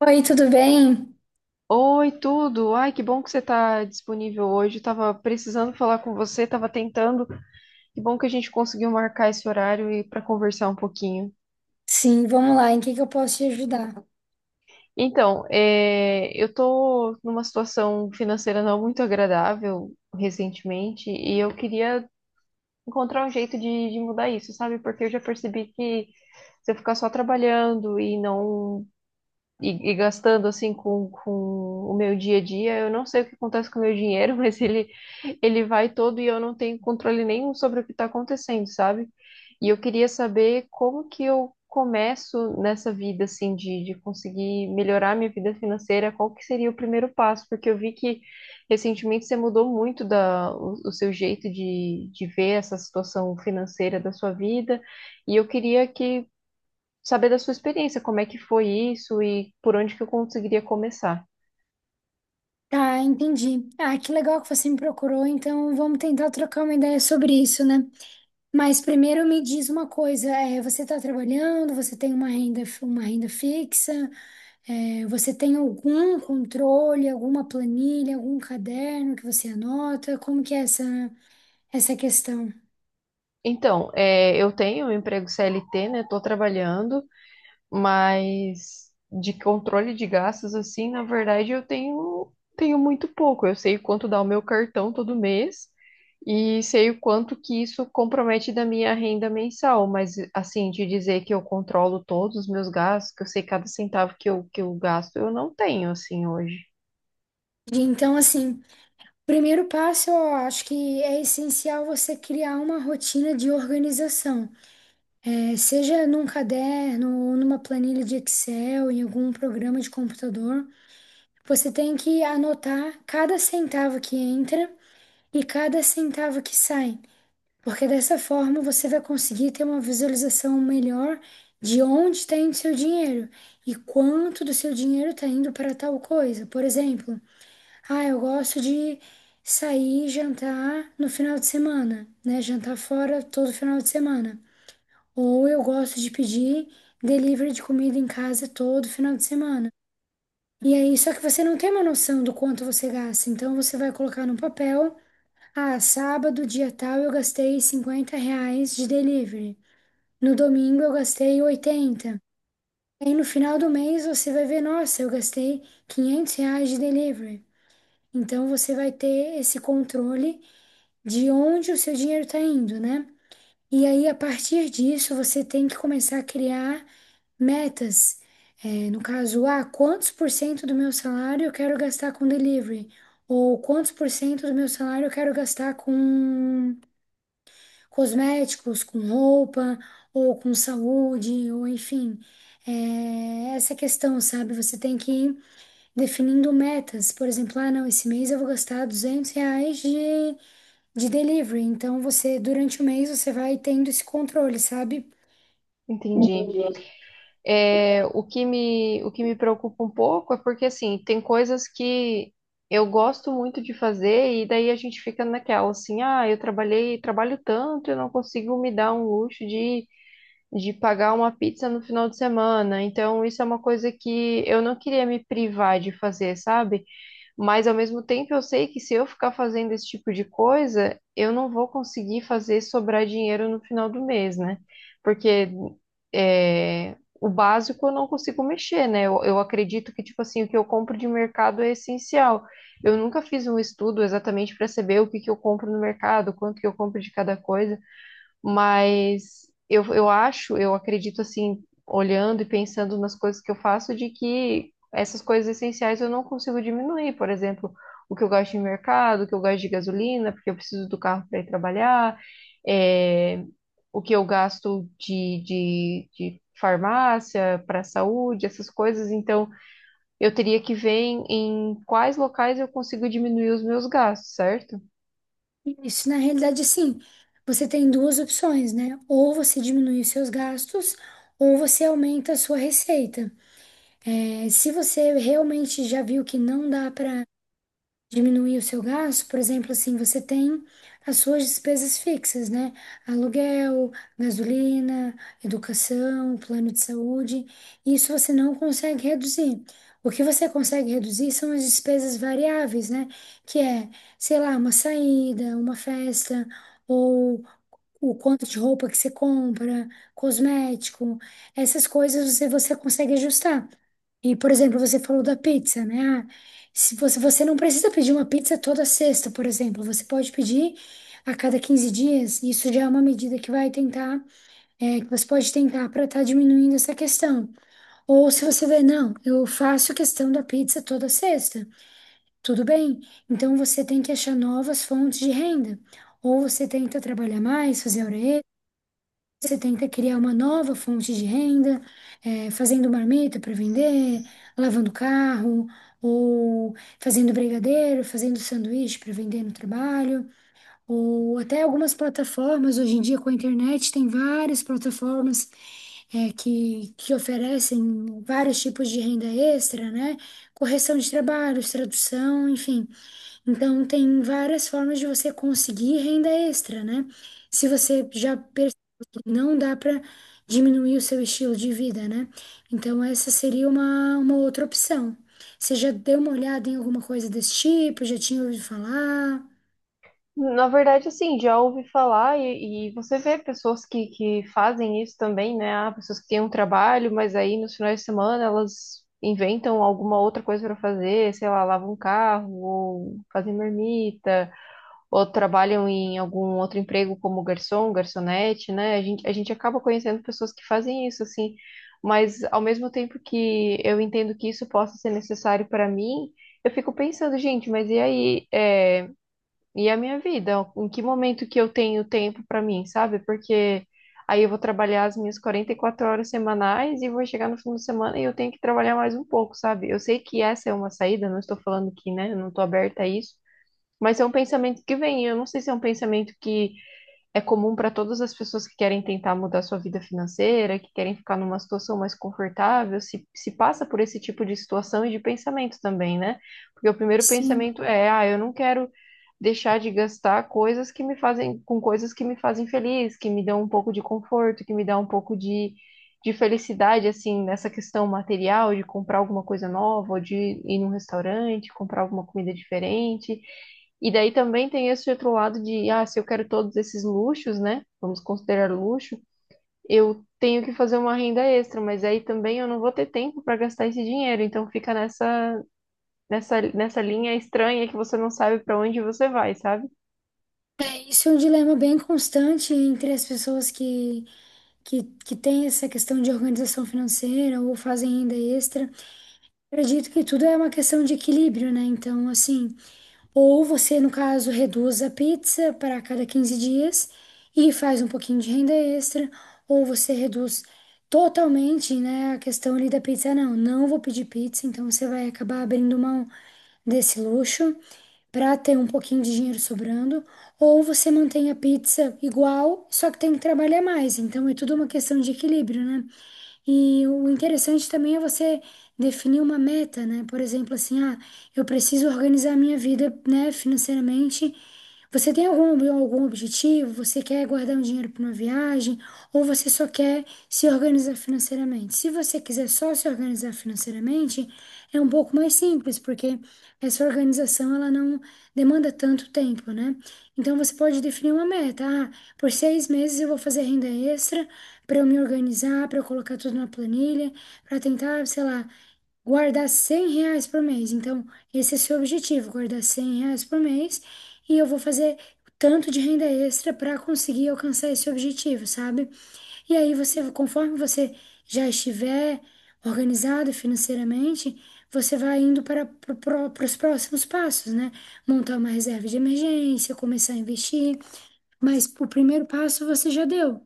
Oi, tudo bem? Oi, tudo. Ai, que bom que você está disponível hoje. Estava precisando falar com você, estava tentando. Que bom que a gente conseguiu marcar esse horário e para conversar um pouquinho. Sim, vamos lá. Em que eu posso te ajudar? Então, eu estou numa situação financeira não muito agradável recentemente e eu queria encontrar um jeito de mudar isso, sabe? Porque eu já percebi que se eu ficar só trabalhando e não e gastando assim com o meu dia a dia, eu não sei o que acontece com o meu dinheiro, mas ele vai todo e eu não tenho controle nenhum sobre o que está acontecendo, sabe? E eu queria saber como que eu começo nessa vida, assim, de conseguir melhorar minha vida financeira, qual que seria o primeiro passo? Porque eu vi que recentemente você mudou muito o seu jeito de ver essa situação financeira da sua vida, e eu queria que saber da sua experiência, como é que foi isso e por onde que eu conseguiria começar. Tá, entendi. Ah, que legal que você me procurou. Então, vamos tentar trocar uma ideia sobre isso, né? Mas primeiro me diz uma coisa. Você está trabalhando? Você tem uma renda fixa? Você tem algum controle, alguma planilha, algum caderno que você anota? Como que é essa questão? Então, eu tenho um emprego CLT, né? Estou trabalhando, mas de controle de gastos, assim, na verdade, eu tenho muito pouco. Eu sei quanto dá o meu cartão todo mês e sei o quanto que isso compromete da minha renda mensal. Mas, assim, de dizer que eu controlo todos os meus gastos, que eu sei cada centavo que eu gasto, eu não tenho, assim, hoje. Então, assim, primeiro passo, eu acho que é essencial você criar uma rotina de organização. Seja num caderno ou numa planilha de Excel, em algum programa de computador, você tem que anotar cada centavo que entra e cada centavo que sai, porque dessa forma você vai conseguir ter uma visualização melhor de onde está indo seu dinheiro e quanto do seu dinheiro está indo para tal coisa. Por exemplo, ah, eu gosto de sair e jantar no final de semana, né? Jantar fora todo final de semana. Ou eu gosto de pedir delivery de comida em casa todo final de semana. E aí, só que você não tem uma noção do quanto você gasta. Então, você vai colocar no papel: ah, sábado, dia tal, eu gastei 50 reais de delivery. No domingo, eu gastei 80. Aí, no final do mês, você vai ver: nossa, eu gastei 500 reais de delivery. Então, você vai ter esse controle de onde o seu dinheiro está indo, né? E aí, a partir disso, você tem que começar a criar. Metas, no caso, ah, quantos por cento do meu salário eu quero gastar com delivery? Ou quantos por cento do meu salário eu quero gastar com cosméticos, com roupa, ou com saúde, ou enfim. É, essa questão, sabe? Você tem que ir definindo metas. Por exemplo, ah, não, esse mês eu vou gastar 200 reais de delivery. Então, você, durante o mês, você vai tendo esse controle, sabe? Entendi. É, o que me preocupa um pouco é porque, assim, tem coisas que eu gosto muito de fazer e daí a gente fica naquela, assim, ah, eu trabalho tanto, eu não consigo me dar um luxo de pagar uma pizza no final de semana. Então, isso é uma coisa que eu não queria me privar de fazer, sabe? Mas ao mesmo tempo eu sei que se eu ficar fazendo esse tipo de coisa, eu não vou conseguir fazer sobrar dinheiro no final do mês, né? Porque é, o básico eu não consigo mexer, né? Eu acredito que, tipo assim, o que eu compro de mercado é essencial. Eu nunca fiz um estudo exatamente para saber o que que eu compro no mercado, quanto que eu compro de cada coisa. Mas eu acredito assim, olhando e pensando nas coisas que eu faço, de que essas coisas essenciais eu não consigo diminuir. Por exemplo, o que eu gasto em mercado, o que eu gasto de gasolina, porque eu preciso do carro para ir trabalhar, é, o que eu gasto de farmácia para saúde, essas coisas. Então, eu teria que ver em quais locais eu consigo diminuir os meus gastos, certo? Isso, na realidade, assim, você tem duas opções, né? Ou você diminui os seus gastos, ou você aumenta a sua receita. É, se você realmente já viu que não dá para diminuir o seu gasto, por exemplo, assim, você tem as suas despesas fixas, né? Aluguel, gasolina, educação, plano de saúde. Isso você não consegue reduzir. O que você consegue reduzir são as despesas variáveis, né? Que é, sei lá, uma saída, uma festa, ou o quanto de roupa que você compra, cosmético, essas coisas você consegue ajustar. E, por exemplo, você falou da pizza, né? Ah, se você não precisa pedir uma pizza toda sexta, por exemplo, você pode pedir a cada 15 dias, isso já é uma medida que vai tentar, que você pode tentar para estar diminuindo essa questão. Ou se você vê, não, eu faço questão da pizza toda sexta, tudo bem. Então você tem que achar novas fontes de renda. Ou você tenta trabalhar mais, fazer hora você tenta criar uma nova fonte de renda, fazendo marmita para vender, lavando carro, ou fazendo brigadeiro, fazendo sanduíche para vender no trabalho ou até algumas plataformas, hoje em dia com a internet, tem várias plataformas que oferecem vários tipos de renda extra, né? Correção de trabalhos, tradução, enfim. Então, tem várias formas de você conseguir renda extra, né? Se você já percebeu que não dá para diminuir o seu estilo de vida, né? Então, essa seria uma outra opção. Você já deu uma olhada em alguma coisa desse tipo? Já tinha ouvido falar? Na verdade, assim, já ouvi falar e você vê pessoas que fazem isso também, né? Ah, pessoas que têm um trabalho, mas aí nos finais de semana elas inventam alguma outra coisa para fazer, sei lá, lavam um carro, ou fazem marmita, ou trabalham em algum outro emprego como garçom, garçonete, né? A gente acaba conhecendo pessoas que fazem isso, assim, mas ao mesmo tempo que eu entendo que isso possa ser necessário para mim, eu fico pensando, gente, mas e aí? E a minha vida, em que momento que eu tenho tempo para mim, sabe? Porque aí eu vou trabalhar as minhas 44 horas semanais e vou chegar no fim de semana e eu tenho que trabalhar mais um pouco, sabe? Eu sei que essa é uma saída, não estou falando que, né, eu não estou aberta a isso, mas é um pensamento que vem. Eu não sei se é um pensamento que é comum para todas as pessoas que querem tentar mudar sua vida financeira, que querem ficar numa situação mais confortável, se passa por esse tipo de situação e de pensamento também, né? Porque o primeiro Sim. pensamento é, ah, eu não quero deixar de gastar coisas que me fazem, com coisas que me fazem feliz, que me dão um pouco de conforto, que me dão um pouco de felicidade, assim, nessa questão material, de comprar alguma coisa nova, ou de ir num restaurante, comprar alguma comida diferente e daí também tem esse outro lado de, ah, se eu quero todos esses luxos, né? Vamos considerar luxo, eu tenho que fazer uma renda extra, mas aí também eu não vou ter tempo para gastar esse dinheiro. Então fica nessa linha estranha que você não sabe para onde você vai, sabe? Isso é um dilema bem constante entre as pessoas que têm essa questão de organização financeira ou fazem renda extra. Eu acredito que tudo é uma questão de equilíbrio, né? Então, assim, ou você, no caso, reduz a pizza para cada 15 dias e faz um pouquinho de renda extra, ou você reduz totalmente, né, a questão ali da pizza. Ah, não, não vou pedir pizza, então você vai acabar abrindo mão desse luxo para ter um pouquinho de dinheiro sobrando, ou você mantém a pizza igual, só que tem que trabalhar mais. Então é tudo uma questão de equilíbrio, né? E o interessante também é você definir uma meta, né? Por exemplo, assim, ah, eu preciso organizar minha vida, né, financeiramente. Você tem algum objetivo? Você quer guardar um dinheiro para uma viagem? Ou você só quer se organizar financeiramente? Se você quiser só se organizar financeiramente, é um pouco mais simples, porque essa organização ela não demanda tanto tempo, né? Então você pode definir uma meta. Ah, por 6 meses eu vou fazer renda extra para eu me organizar, para eu colocar tudo na planilha, para tentar, sei lá, guardar 100 reais por mês. Então, esse é seu objetivo, guardar 100 reais por mês e eu vou fazer tanto de renda extra para conseguir alcançar esse objetivo, sabe? E aí você, conforme você já estiver organizado financeiramente, você vai indo para os próximos passos, né? Montar uma reserva de emergência, começar a investir. Mas o primeiro passo você já deu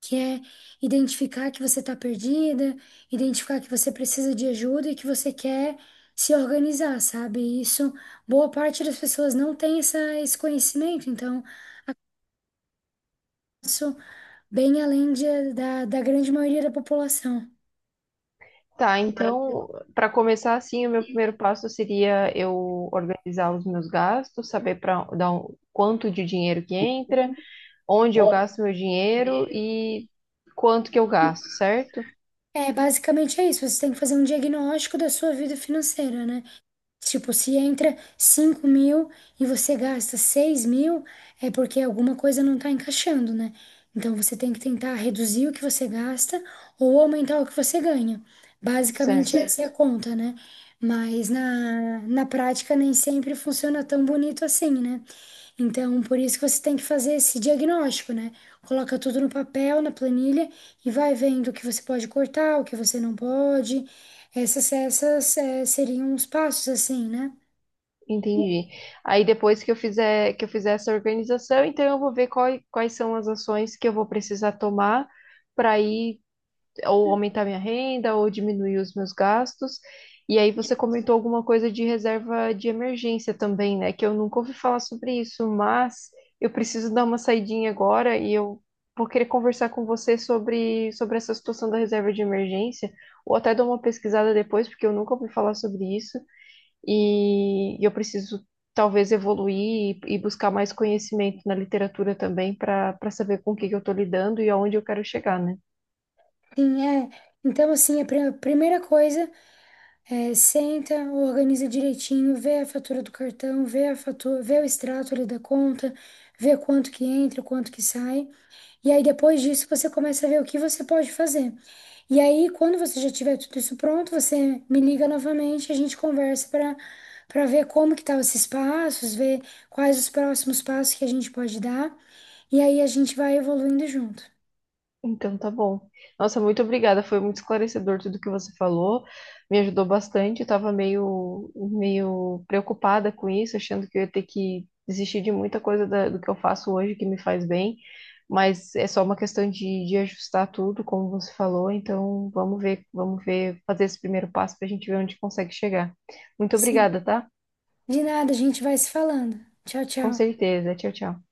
que é identificar que você está perdida, identificar que você precisa de ajuda e que você quer se organizar, sabe? E isso, boa parte das pessoas não tem esse conhecimento, então, isso bem além da grande maioria da população. Tá, então, para começar assim, o meu primeiro passo seria eu organizar os meus gastos, saber quanto de dinheiro que entra, onde eu gasto meu dinheiro e quanto que eu gasto, certo? É, basicamente é isso, você tem que fazer um diagnóstico da sua vida financeira, né? Tipo, se entra 5.000 e você gasta 6.000, é porque alguma coisa não está encaixando, né? Então você tem que tentar reduzir o que você gasta ou aumentar o que você ganha. Basicamente, Certo. essa é a conta, né? Mas na prática nem sempre funciona tão bonito assim, né? Então, por isso que você tem que fazer esse diagnóstico, né? Coloca tudo no papel, na planilha e vai vendo o que você pode cortar, o que você não pode. Essas seriam os passos, assim, né? Entendi. Aí depois que eu fizer essa organização, então eu vou ver quais são as ações que eu vou precisar tomar para ir ou aumentar minha renda ou diminuir os meus gastos. E aí você comentou alguma coisa de reserva de emergência também, né? Que eu nunca ouvi falar sobre isso, mas eu preciso dar uma saidinha agora e eu vou querer conversar com você sobre essa situação da reserva de emergência ou até dar uma pesquisada depois, porque eu nunca ouvi falar sobre isso e eu preciso talvez evoluir e buscar mais conhecimento na literatura também para saber com o que que eu estou lidando e aonde eu quero chegar, né? Sim, é. Então, assim, a primeira coisa é senta, organiza direitinho, vê a fatura do cartão, vê a fatura, vê o extrato ali da conta, vê quanto que entra, quanto que sai. E aí, depois disso, você começa a ver o que você pode fazer. E aí, quando você já tiver tudo isso pronto, você me liga novamente, a gente conversa para ver como que tá esses passos, ver quais os próximos passos que a gente pode dar. E aí a gente vai evoluindo junto. Então tá bom. Nossa, muito obrigada. Foi muito esclarecedor tudo que você falou. Me ajudou bastante. Eu tava meio preocupada com isso, achando que eu ia ter que desistir de muita coisa do que eu faço hoje que me faz bem. Mas é só uma questão de ajustar tudo, como você falou. Então vamos ver, fazer esse primeiro passo para a gente ver onde consegue chegar. Muito Sim. obrigada, tá? De nada, a gente vai se falando. Tchau, Com tchau. certeza. Tchau, tchau.